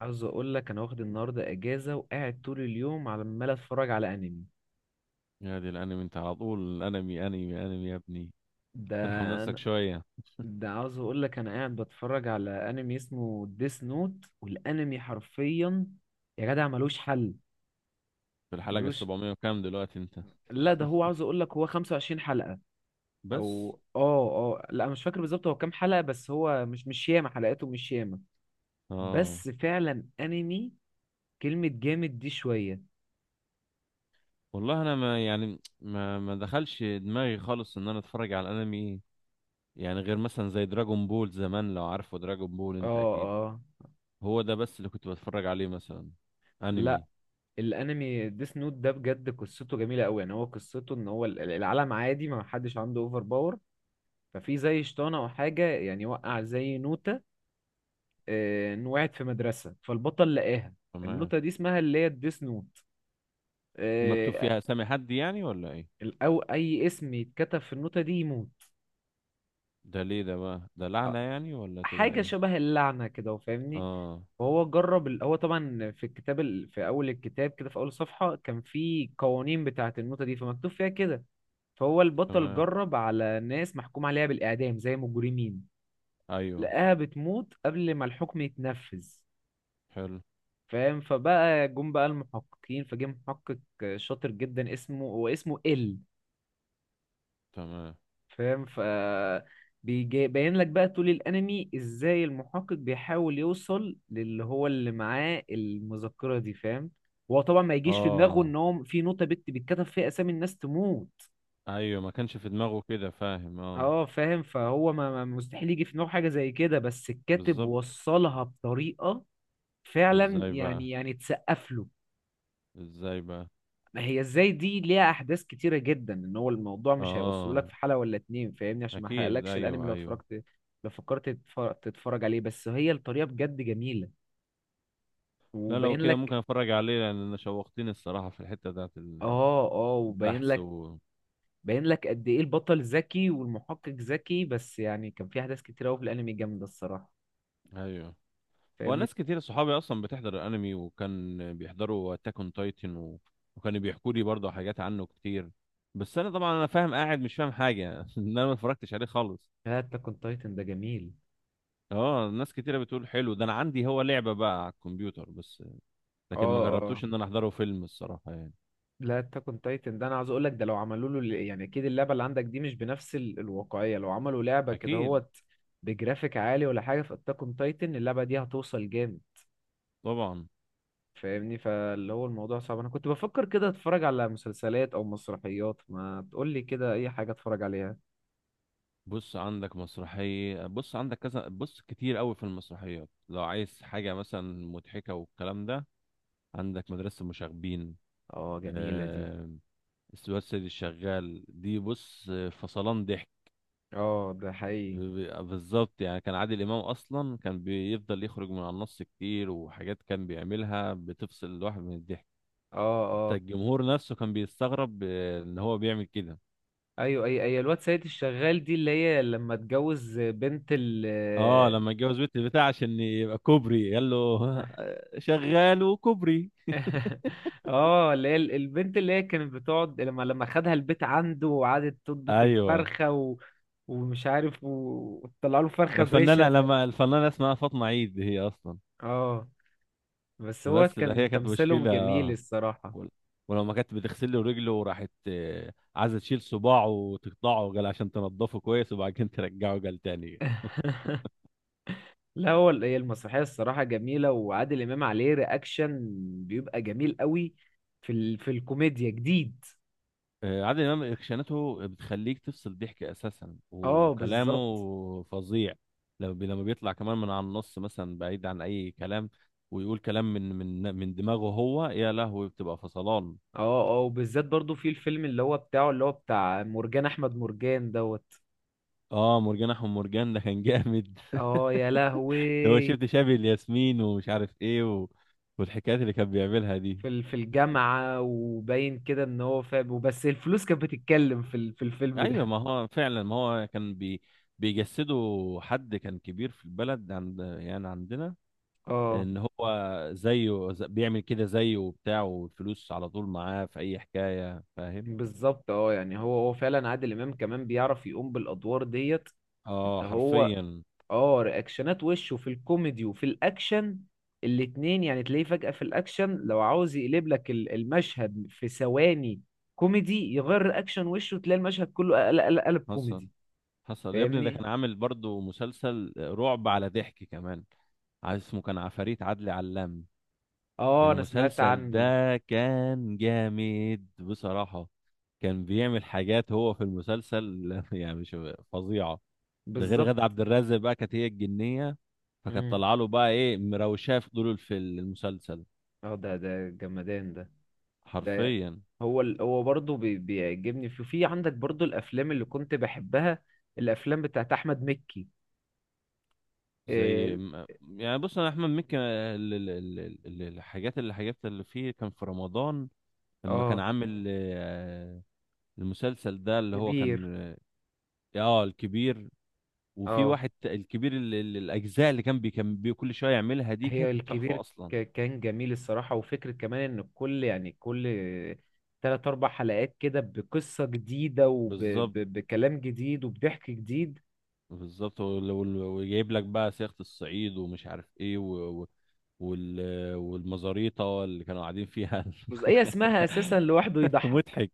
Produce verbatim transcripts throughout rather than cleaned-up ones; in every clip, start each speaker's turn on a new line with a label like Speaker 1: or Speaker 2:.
Speaker 1: عاوز اقول لك انا واخد النهارده اجازه وقاعد طول اليوم على عمال اتفرج على انمي.
Speaker 2: يا دي الانمي، انت على طول انمي انمي انمي يا ابني.
Speaker 1: ده
Speaker 2: ترحم نفسك
Speaker 1: انا
Speaker 2: شويه.
Speaker 1: ده عاوز اقول لك انا قاعد بتفرج على انمي اسمه ديس نوت. والانمي حرفيا يا جدع ملوش حل.
Speaker 2: في الحلقه
Speaker 1: ملوش
Speaker 2: السبعمية وكام دلوقتي انت؟
Speaker 1: لا ده هو عاوز اقول لك هو خمسة وعشرين حلقة حلقه.
Speaker 2: بس.
Speaker 1: او اه اه لا، أنا مش فاكر بالظبط هو كام حلقه، بس هو مش مش ياما، حلقاته مش ياما.
Speaker 2: اه
Speaker 1: بس فعلا انمي، كلمه جامد دي شويه.
Speaker 2: والله، انا ما يعني ما ما دخلش دماغي خالص ان انا اتفرج على الانمي. يعني غير مثلا زي دراجون بول زمان، لو عارفه دراجون بول انت
Speaker 1: اه
Speaker 2: اكيد.
Speaker 1: اه
Speaker 2: هو ده بس اللي كنت بتفرج عليه، مثلا
Speaker 1: لا،
Speaker 2: انمي.
Speaker 1: الانمي ديس نوت ده بجد قصته جميله قوي. يعني هو قصته ان هو ال- العالم عادي، ما حدش عنده اوفر باور. ففي زي شيطان او حاجه، يعني وقع زي نوته. آه، إن وقعت في مدرسه فالبطل لقاها.
Speaker 2: تمام.
Speaker 1: النوته دي اسمها اللي هي الديس نوت.
Speaker 2: دي مكتوب
Speaker 1: آه،
Speaker 2: فيها اسامي حد يعني ولا ايه؟
Speaker 1: ال- او اي اسم يتكتب في النوته دي يموت.
Speaker 2: ده ليه ده بقى؟ ده
Speaker 1: آه،
Speaker 2: لعنه يعني ولا تبقى
Speaker 1: حاجه
Speaker 2: ايه؟
Speaker 1: شبه اللعنه كده وفاهمني.
Speaker 2: اه.
Speaker 1: فهو جرب ال... هو طبعا في الكتاب، ال... في اول الكتاب كده في اول صفحه كان في قوانين بتاعه النوته دي، فمكتوب فيها كده. فهو البطل
Speaker 2: تمام.
Speaker 1: جرب على ناس محكوم عليها بالإعدام زي مجرمين.
Speaker 2: ايوه.
Speaker 1: لقاها بتموت قبل ما الحكم يتنفذ،
Speaker 2: حلو.
Speaker 1: فاهم. فبقى جم بقى المحققين، فجه محقق شاطر جدا، اسمه هو اسمه ال.
Speaker 2: تمام.
Speaker 1: فاهم ف. بيجي- باين لك بقى طول الانمي ازاي المحقق بيحاول يوصل للي هو اللي معاه المذكرة دي، فاهم. هو طبعا ما يجيش في دماغه
Speaker 2: اه،
Speaker 1: ان هو في نوتة بت بيتكتب فيها اسامي الناس تموت.
Speaker 2: ايوه، ما كانش في دماغه كده، فاهم؟ اه،
Speaker 1: اه فاهم. فهو ما ما- مستحيل يجي في دماغه حاجه زي كده، بس الكاتب
Speaker 2: بالظبط.
Speaker 1: وصلها بطريقه فعلا،
Speaker 2: ازاي بقى؟
Speaker 1: يعني يعني تسقف له.
Speaker 2: ازاي بقى؟
Speaker 1: ما هي ازاي دي ليها احداث كتيره جدا، ان هو الموضوع مش هيوصله لك
Speaker 2: اه،
Speaker 1: في حلقه ولا اتنين، فاهمني، عشان ما
Speaker 2: اكيد.
Speaker 1: احرقلكش الانمي
Speaker 2: ايوه،
Speaker 1: لو
Speaker 2: ايوه.
Speaker 1: اتفرجت. لو فكرت تتفرج, تتفرج عليه، بس هي الطريقه بجد جميله.
Speaker 2: لا، لو
Speaker 1: وباين
Speaker 2: كده ممكن
Speaker 1: لك.
Speaker 2: اتفرج عليه، لان انا شوقتني الصراحه في الحته بتاعت ال-
Speaker 1: اه اه وباين
Speaker 2: البحث.
Speaker 1: لك،
Speaker 2: و...
Speaker 1: باين لك قد ايه البطل ذكي والمحقق ذكي، بس يعني كان في احداث كتيره قوي في الانمي جامده الصراحه،
Speaker 2: ايوه. هو
Speaker 1: فاهمني.
Speaker 2: ناس كتير صحابي اصلا بتحضر الانمي، وكان بيحضروا اتاك اون تايتن. و... وكانوا بيحكوا لي برضه حاجات عنه كتير. بس انا طبعا انا فاهم قاعد مش فاهم حاجه ان انا ما اتفرجتش عليه خالص.
Speaker 1: هات كنت تايتن ده جميل.
Speaker 2: اه، ناس كتيره بتقول حلو ده. انا عندي هو لعبه بقى على الكمبيوتر بس.
Speaker 1: اه
Speaker 2: لكن ما
Speaker 1: اه
Speaker 2: جربتوش ان انا احضره فيلم الصراحه يعني.
Speaker 1: لا، تكن تايتن ده انا عاوز اقول لك، ده لو عملوا له ال- يعني اكيد اللعبه اللي عندك دي مش بنفس ال- الواقعيه. لو عملوا لعبه كده
Speaker 2: اكيد،
Speaker 1: هوت بجرافيك عالي ولا حاجه في اتاكون تايتن، اللعبه دي هتوصل جامد،
Speaker 2: طبعا.
Speaker 1: فاهمني. فاللي هو الموضوع صعب. انا كنت بفكر كده اتفرج على مسلسلات او مسرحيات، ما تقول لي كده اي حاجه اتفرج عليها.
Speaker 2: بص عندك مسرحيه، بص عندك كذا، بص كتير قوي في المسرحيات لو عايز حاجه مثلا مضحكه والكلام ده. عندك مدرسه المشاغبين.
Speaker 1: اه جميله دي.
Speaker 2: آه... الواد سيد الشغال دي، بص فصلان ضحك.
Speaker 1: اه ده
Speaker 2: ب-
Speaker 1: حقيقي.
Speaker 2: ب- بالظبط، يعني كان عادل امام اصلا كان بيفضل يخرج من على النص كتير، وحاجات كان بيعملها بتفصل الواحد من الضحك.
Speaker 1: اه
Speaker 2: حتى
Speaker 1: اه.
Speaker 2: الجمهور نفسه كان بيستغرب، آه، ان هو بيعمل كده.
Speaker 1: ايوه اي اي الواد سيد الشغال دي، اللي هي لما اتجوز بنت ال.
Speaker 2: اه، لما اتجوز بنت البتاع عشان يبقى كوبري، قال له شغال وكوبري.
Speaker 1: اه اللي هي ال- البنت اللي هي كانت بتقعد لما لما خدها البيت عنده وقعدت تطبخ
Speaker 2: ايوه،
Speaker 1: الفرخة و... ومش عارف و- وطلع له فرخة
Speaker 2: الفنانه
Speaker 1: بريشة.
Speaker 2: لما الفنانه اسمها فاطمه عيد هي اصلا.
Speaker 1: اه بس هو
Speaker 2: بس لا، هي
Speaker 1: كان
Speaker 2: كانت
Speaker 1: تمثيلهم
Speaker 2: مشكله.
Speaker 1: جميل الصراحة.
Speaker 2: ول- ولما كانت بتغسل له رجله، وراحت آه، عايزه تشيل صباعه وتقطعه، قال عشان تنضفه كويس وبعد كده ترجعه، قال تاني.
Speaker 1: لا، هو ال- هي المسرحية الصراحة جميلة، وعادل إمام عليه رياكشن بيبقى جميل قوي في ال... في الكوميديا جديد.
Speaker 2: آه، عادل امام رياكشناته بتخليك تفصل ضحك اساسا،
Speaker 1: اه
Speaker 2: وكلامه
Speaker 1: بالظبط.
Speaker 2: فظيع. لما بي- لما بيطلع كمان من على النص مثلا، بعيد عن اي كلام، ويقول كلام من من من دماغه هو، يا لهوي بتبقى فصلان.
Speaker 1: اه اه وبالذات برضو في الفيلم اللي هو بتاعه، اللي هو بتاع مرجان أحمد مرجان دوت.
Speaker 2: اه، مرجان احمد مرجان ده كان جامد
Speaker 1: اه يا
Speaker 2: ده هو
Speaker 1: لهوي.
Speaker 2: شفت شبه الياسمين ومش عارف ايه، و... والحكايات اللي كان بيعملها دي.
Speaker 1: في ال- في الجامعة، وباين كده ان هو فاهم، وبس الفلوس كانت بتتكلم في ال- في الفيلم
Speaker 2: ايوه،
Speaker 1: ده.
Speaker 2: ما هو فعلا، ما هو كان بي... بيجسده. حد كان كبير في البلد، عند يعني عندنا،
Speaker 1: اه
Speaker 2: ان هو زيه، ز- بيعمل كده زيه وبتاع، والفلوس على طول معاه في اي حكاية، فاهم.
Speaker 1: بالظبط. اه يعني هو هو فعلا عادل امام كمان بيعرف يقوم بالادوار ديت. إن
Speaker 2: اه،
Speaker 1: هو.
Speaker 2: حرفيا.
Speaker 1: اه رياكشنات وشه في الكوميدي وفي الاكشن الاتنين، يعني تلاقيه فجأة في الاكشن لو عاوز يقلب لك ال- المشهد في ثواني كوميدي، يغير رياكشن وشه تلاقي المشهد كله قلب قلب
Speaker 2: حصل،
Speaker 1: كوميدي.
Speaker 2: حصل يا ابني، ده
Speaker 1: فاهمني.
Speaker 2: كان عامل برضو مسلسل رعب على ضحك كمان. عايز اسمه، كان عفاريت عدلي علام.
Speaker 1: اه انا سمعت
Speaker 2: المسلسل
Speaker 1: عنه.
Speaker 2: ده كان جامد بصراحة. كان بيعمل حاجات هو في المسلسل يعني مش فظيعة. ده غير
Speaker 1: بالظبط.
Speaker 2: غادة عبد الرازق، بقى كانت هي الجنية. فكانت طالعة له بقى ايه، مروشاه في دور في المسلسل.
Speaker 1: اه ده ده جمدان ده. ده
Speaker 2: حرفيا.
Speaker 1: هو ال... هو برضه بي... بيعجبني في في عندك برضه الافلام اللي كنت بحبها، الافلام بتاعت احمد مكي. اه
Speaker 2: زي ما- يعني بص، انا احمد مكي، آه، ال- ال- ال- ال- الحاجات اللي حاجات اللي فيه كان في رمضان. لما كان
Speaker 1: آه،
Speaker 2: عامل آه، المسلسل ده اللي هو كان.
Speaker 1: كبير.
Speaker 2: اه، آه، الكبير. وفي
Speaker 1: اه
Speaker 2: واحد، ت- الكبير، ال- ال- الاجزاء اللي كان بي كان بي كل شويه يعملها دي،
Speaker 1: هي
Speaker 2: كانت تحفه
Speaker 1: الكبير.
Speaker 2: اصلا.
Speaker 1: ك... كان جميل الصراحة، وفكرة كمان ان كل يعني كل تلات اربع حلقات كده بقصة جديدة
Speaker 2: بالظبط،
Speaker 1: وبكلام جديد وبضحك جديد.
Speaker 2: بالظبط. وال- وال- وجايب لك بقى صياغه الصعيد، ومش عارف ايه، و... و... وال... والمزاريطه اللي كانوا قاعدين فيها
Speaker 1: بس هي اسمها اساسا لوحده يضحك.
Speaker 2: مضحك.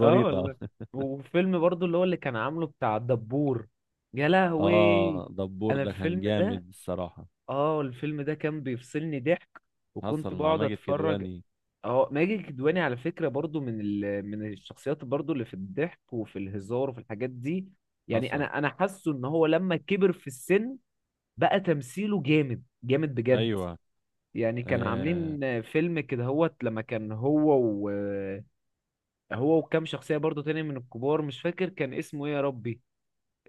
Speaker 1: اه والله. وفيلم برضو اللي هو اللي كان عامله بتاع الدبور. يا لهوي.
Speaker 2: اه، دبور
Speaker 1: انا
Speaker 2: ده
Speaker 1: الفيلم
Speaker 2: كان
Speaker 1: ده،
Speaker 2: جامد الصراحة.
Speaker 1: اه الفيلم ده كان بيفصلني ضحك، وكنت
Speaker 2: حصل مع
Speaker 1: بقعد
Speaker 2: ماجد
Speaker 1: اتفرج.
Speaker 2: كدواني.
Speaker 1: اه ماجد الكدواني على فكرة برضو من ال... من الشخصيات برضو اللي في الضحك وفي الهزار وفي الحاجات دي. يعني
Speaker 2: حصل.
Speaker 1: انا انا حاسه ان هو لما كبر في السن، بقى تمثيله جامد جامد بجد.
Speaker 2: ايوه.
Speaker 1: يعني كان
Speaker 2: آه
Speaker 1: عاملين فيلم كده هوت لما كان هو، هو وكام شخصية برضو تاني من الكبار، مش فاكر كان اسمه ايه يا ربي،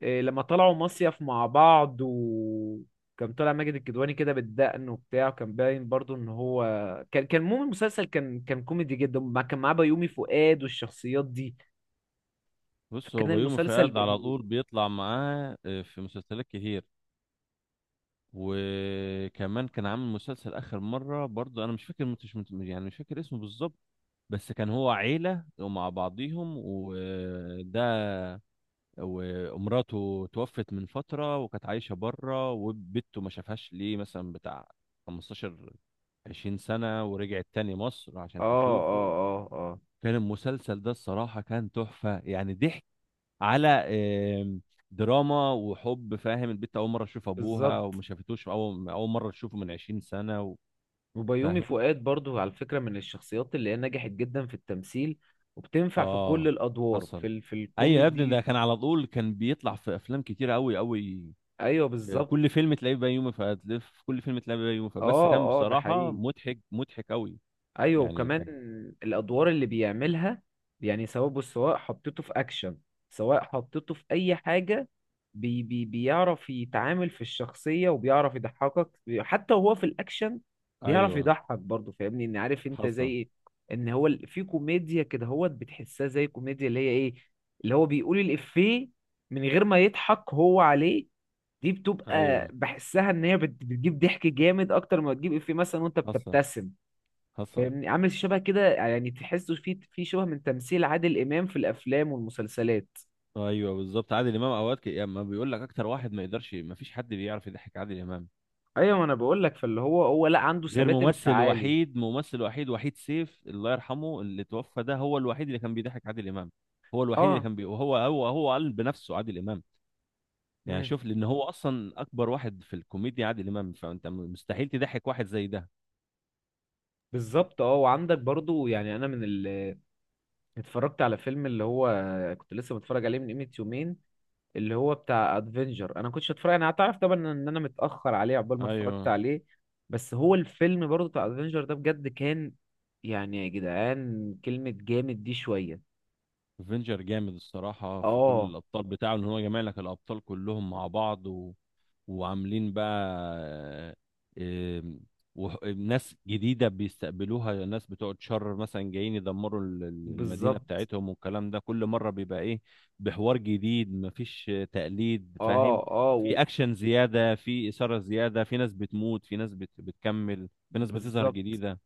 Speaker 1: إيه، لما طلعوا مصيف مع بعض، وكان طالع ماجد الكدواني كده بالدقن وبتاع، وكان باين برضو ان هو كان كان المهم المسلسل كان كان كوميدي جدا، مع- كان معاه بيومي فؤاد والشخصيات دي.
Speaker 2: بص، هو
Speaker 1: فكان
Speaker 2: بيومي
Speaker 1: المسلسل
Speaker 2: فؤاد على
Speaker 1: جميل.
Speaker 2: طول بيطلع معاه، آه، في مسلسلات كتير. وكمان كان عامل مسلسل اخر مرة برضو، انا مش فاكر، مش مت- يعني مش فاكر اسمه بالظبط. بس كان هو عيلة ومع بعضيهم وده. ومراته توفت من فترة، وكانت عايشة بره، وبنته ما شافهاش ليه مثلا بتاع خمسة عشر عشرين سنة، ورجعت تاني مصر عشان
Speaker 1: اه اه
Speaker 2: تشوفه.
Speaker 1: اه اه
Speaker 2: كان المسلسل ده الصراحة كان تحفة، يعني ضحك على آم، دراما وحب، فاهم. البنت أول مرة تشوف أبوها،
Speaker 1: بالظبط.
Speaker 2: وما شافتوش. أول أول مرة تشوفه من عشرين سنة و.
Speaker 1: وبيومي
Speaker 2: فاهم.
Speaker 1: فؤاد برضو على فكرة من الشخصيات اللي هي نجحت جدا في التمثيل، وبتنفع في كل
Speaker 2: آه،
Speaker 1: الأدوار
Speaker 2: حصل.
Speaker 1: في ال... في
Speaker 2: أيوة يا ابني، ده
Speaker 1: الكوميدي.
Speaker 2: كان على طول كان بيطلع في أفلام كتير أوي أوي.
Speaker 1: ايوه
Speaker 2: في
Speaker 1: بالظبط.
Speaker 2: كل فيلم تلاقيه بيومي فؤاد لف، في كل فيلم تلاقيه بيومي فؤاد، بس
Speaker 1: اه
Speaker 2: كان
Speaker 1: اه ده
Speaker 2: بصراحة
Speaker 1: حقيقي.
Speaker 2: مضحك مضحك قوي.
Speaker 1: ايوه
Speaker 2: يعني
Speaker 1: وكمان
Speaker 2: كان.
Speaker 1: الادوار اللي بيعملها، يعني سواء بص سواء حطيته في اكشن، سواء حطيته في اي حاجه، بي بي بيعرف يتعامل في الشخصيه وبيعرف يضحكك حتى وهو في الاكشن، بيعرف
Speaker 2: ايوه،
Speaker 1: يضحك برضه، فاهمني، ان عارف انت زي
Speaker 2: حصل.
Speaker 1: ايه. ان هو ال- في كوميديا كده هو بتحسها زي كوميديا اللي هي ايه، اللي هو بيقول الافيه من غير ما يضحك هو عليه، دي بتبقى
Speaker 2: ايوه،
Speaker 1: بحسها ان هي بت- بتجيب ضحك جامد اكتر ما تجيب افيه مثلا وانت
Speaker 2: حصل.
Speaker 1: بتبتسم.
Speaker 2: حصل.
Speaker 1: فاهمني، عامل شبه كده يعني، تحسه في في شبه من تمثيل عادل امام في الافلام والمسلسلات.
Speaker 2: ايوه، بالظبط. عادل امام اوقات، ك- يعني ما بيقول لك، اكتر واحد ما يقدرش، ما فيش حد بيعرف يضحك عادل امام.
Speaker 1: ايوه ما انا بقول لك، فاللي هو هو لا عنده
Speaker 2: غير
Speaker 1: ثبات
Speaker 2: ممثل
Speaker 1: انفعالي.
Speaker 2: وحيد، ممثل وحيد، وحيد سيف الله يرحمه اللي توفى، ده هو الوحيد اللي كان بيضحك عادل امام. هو الوحيد اللي
Speaker 1: اه
Speaker 2: كان بي... وهو هو هو قال بنفسه عادل امام. يعني
Speaker 1: مم.
Speaker 2: شوف، لان هو اصلا اكبر واحد في الكوميديا عادل امام، فانت م- مستحيل تضحك واحد زي ده.
Speaker 1: بالظبط. اه وعندك برضو، يعني انا من ال، اتفرجت على فيلم اللي هو، كنت لسه متفرج عليه من قيمة يومين، اللي هو بتاع ادفنجر. انا كنتش اتفرج، انا هتعرف طبعا ان انا متأخر عليه عقبال ما اتفرجت
Speaker 2: ايوه.
Speaker 1: عليه. بس هو الفيلم برضو بتاع ادفنجر ده بجد كان، يعني يا جدعان كلمة جامد دي شوية.
Speaker 2: افنجر جامد الصراحه في كل
Speaker 1: اه
Speaker 2: الابطال بتاعه، ان هو جمع لك الابطال كلهم مع بعض و. وعاملين بقى آه، آم، وح- ناس جديده بيستقبلوها، ناس بتوع شر مثلا جايين يدمروا ال- ال- المدينه
Speaker 1: بالظبط.
Speaker 2: بتاعتهم والكلام ده، كل مره بيبقى ايه، بحوار جديد، مفيش تقليد،
Speaker 1: اه
Speaker 2: فاهم.
Speaker 1: اه و-
Speaker 2: في اكشن زياده، في اثاره زياده، في ناس بتموت، في ناس بت... بتكمل، في ناس بتظهر
Speaker 1: بالظبط.
Speaker 2: جديده.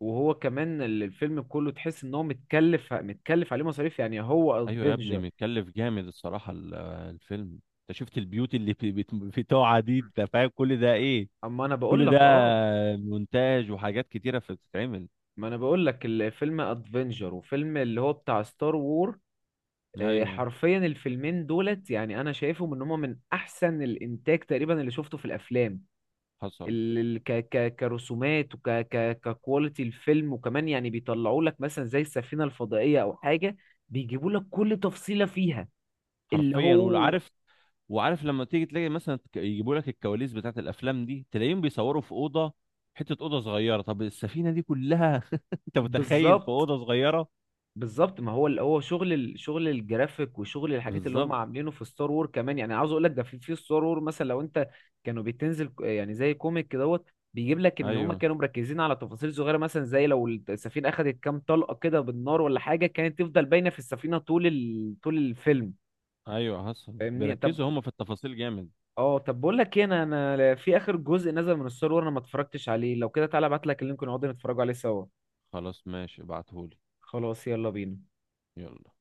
Speaker 1: وهو كمان ال- الفيلم كله تحس ان هو متكلف، متكلف عليه مصاريف، يعني هو
Speaker 2: ايوه يا ابني،
Speaker 1: ادفنجر.
Speaker 2: متكلف جامد الصراحه ال- آه، الفيلم. انت شفت البيوت اللي في بت- بتوعها دي، انت فاهم كل ده ايه؟
Speaker 1: اما انا بقول
Speaker 2: كل ده
Speaker 1: لك اه.
Speaker 2: مونتاج وحاجات كتيره بتتعمل.
Speaker 1: ما انا بقول لك الفيلم ادفنجر وفيلم اللي هو بتاع ستار وور. آه،
Speaker 2: ايوه،
Speaker 1: حرفيا الفيلمين دولت يعني انا شايفهم ان هما من احسن الانتاج تقريبا اللي شفته في الافلام.
Speaker 2: حصل
Speaker 1: ال ال- ك ك كرسومات وك ك ككواليتي الفيلم، وكمان يعني بيطلعوا لك مثلا زي السفينة الفضائية او حاجة، بيجيبوا لك كل تفصيلة فيها. اللي
Speaker 2: حرفيا.
Speaker 1: هو
Speaker 2: وعارف، وعارف لما تيجي تلاقي مثلا، ك- يجيبوا لك الكواليس بتاعت الافلام دي، تلاقيهم بيصوروا في اوضه، حته اوضه صغيره. طب السفينه دي كلها انت متخيل في
Speaker 1: بالظبط
Speaker 2: اوضه صغيره؟
Speaker 1: بالظبط. ما هو اللي هو شغل ال- شغل الجرافيك وشغل الحاجات اللي هم
Speaker 2: بالظبط.
Speaker 1: عاملينه في ستار وور كمان، يعني عاوز اقول لك ده، في في ستار وور مثلا، لو انت كانوا بتنزل ك- يعني زي كوميك كدهوت بيجيب لك ان هم
Speaker 2: ايوه،
Speaker 1: كانوا مركزين على تفاصيل صغيره، مثلا زي لو السفينه اخذت كام طلقه كده بالنار ولا حاجه، كانت تفضل باينه في السفينه طول ال... طول الفيلم.
Speaker 2: ايوه، حصل.
Speaker 1: فاهمني. طب
Speaker 2: بيركزوا هم في التفاصيل جامد.
Speaker 1: اه طب بقول لك ايه، انا، انا في اخر جزء نزل من ستار وور انا ما اتفرجتش عليه. لو كده تعالى ابعت لك اللينك ونقعد نتفرجوا عليه سوا.
Speaker 2: خلاص، ماشي، ابعتهولي.
Speaker 1: خلاص يلا بينا.
Speaker 2: يلا.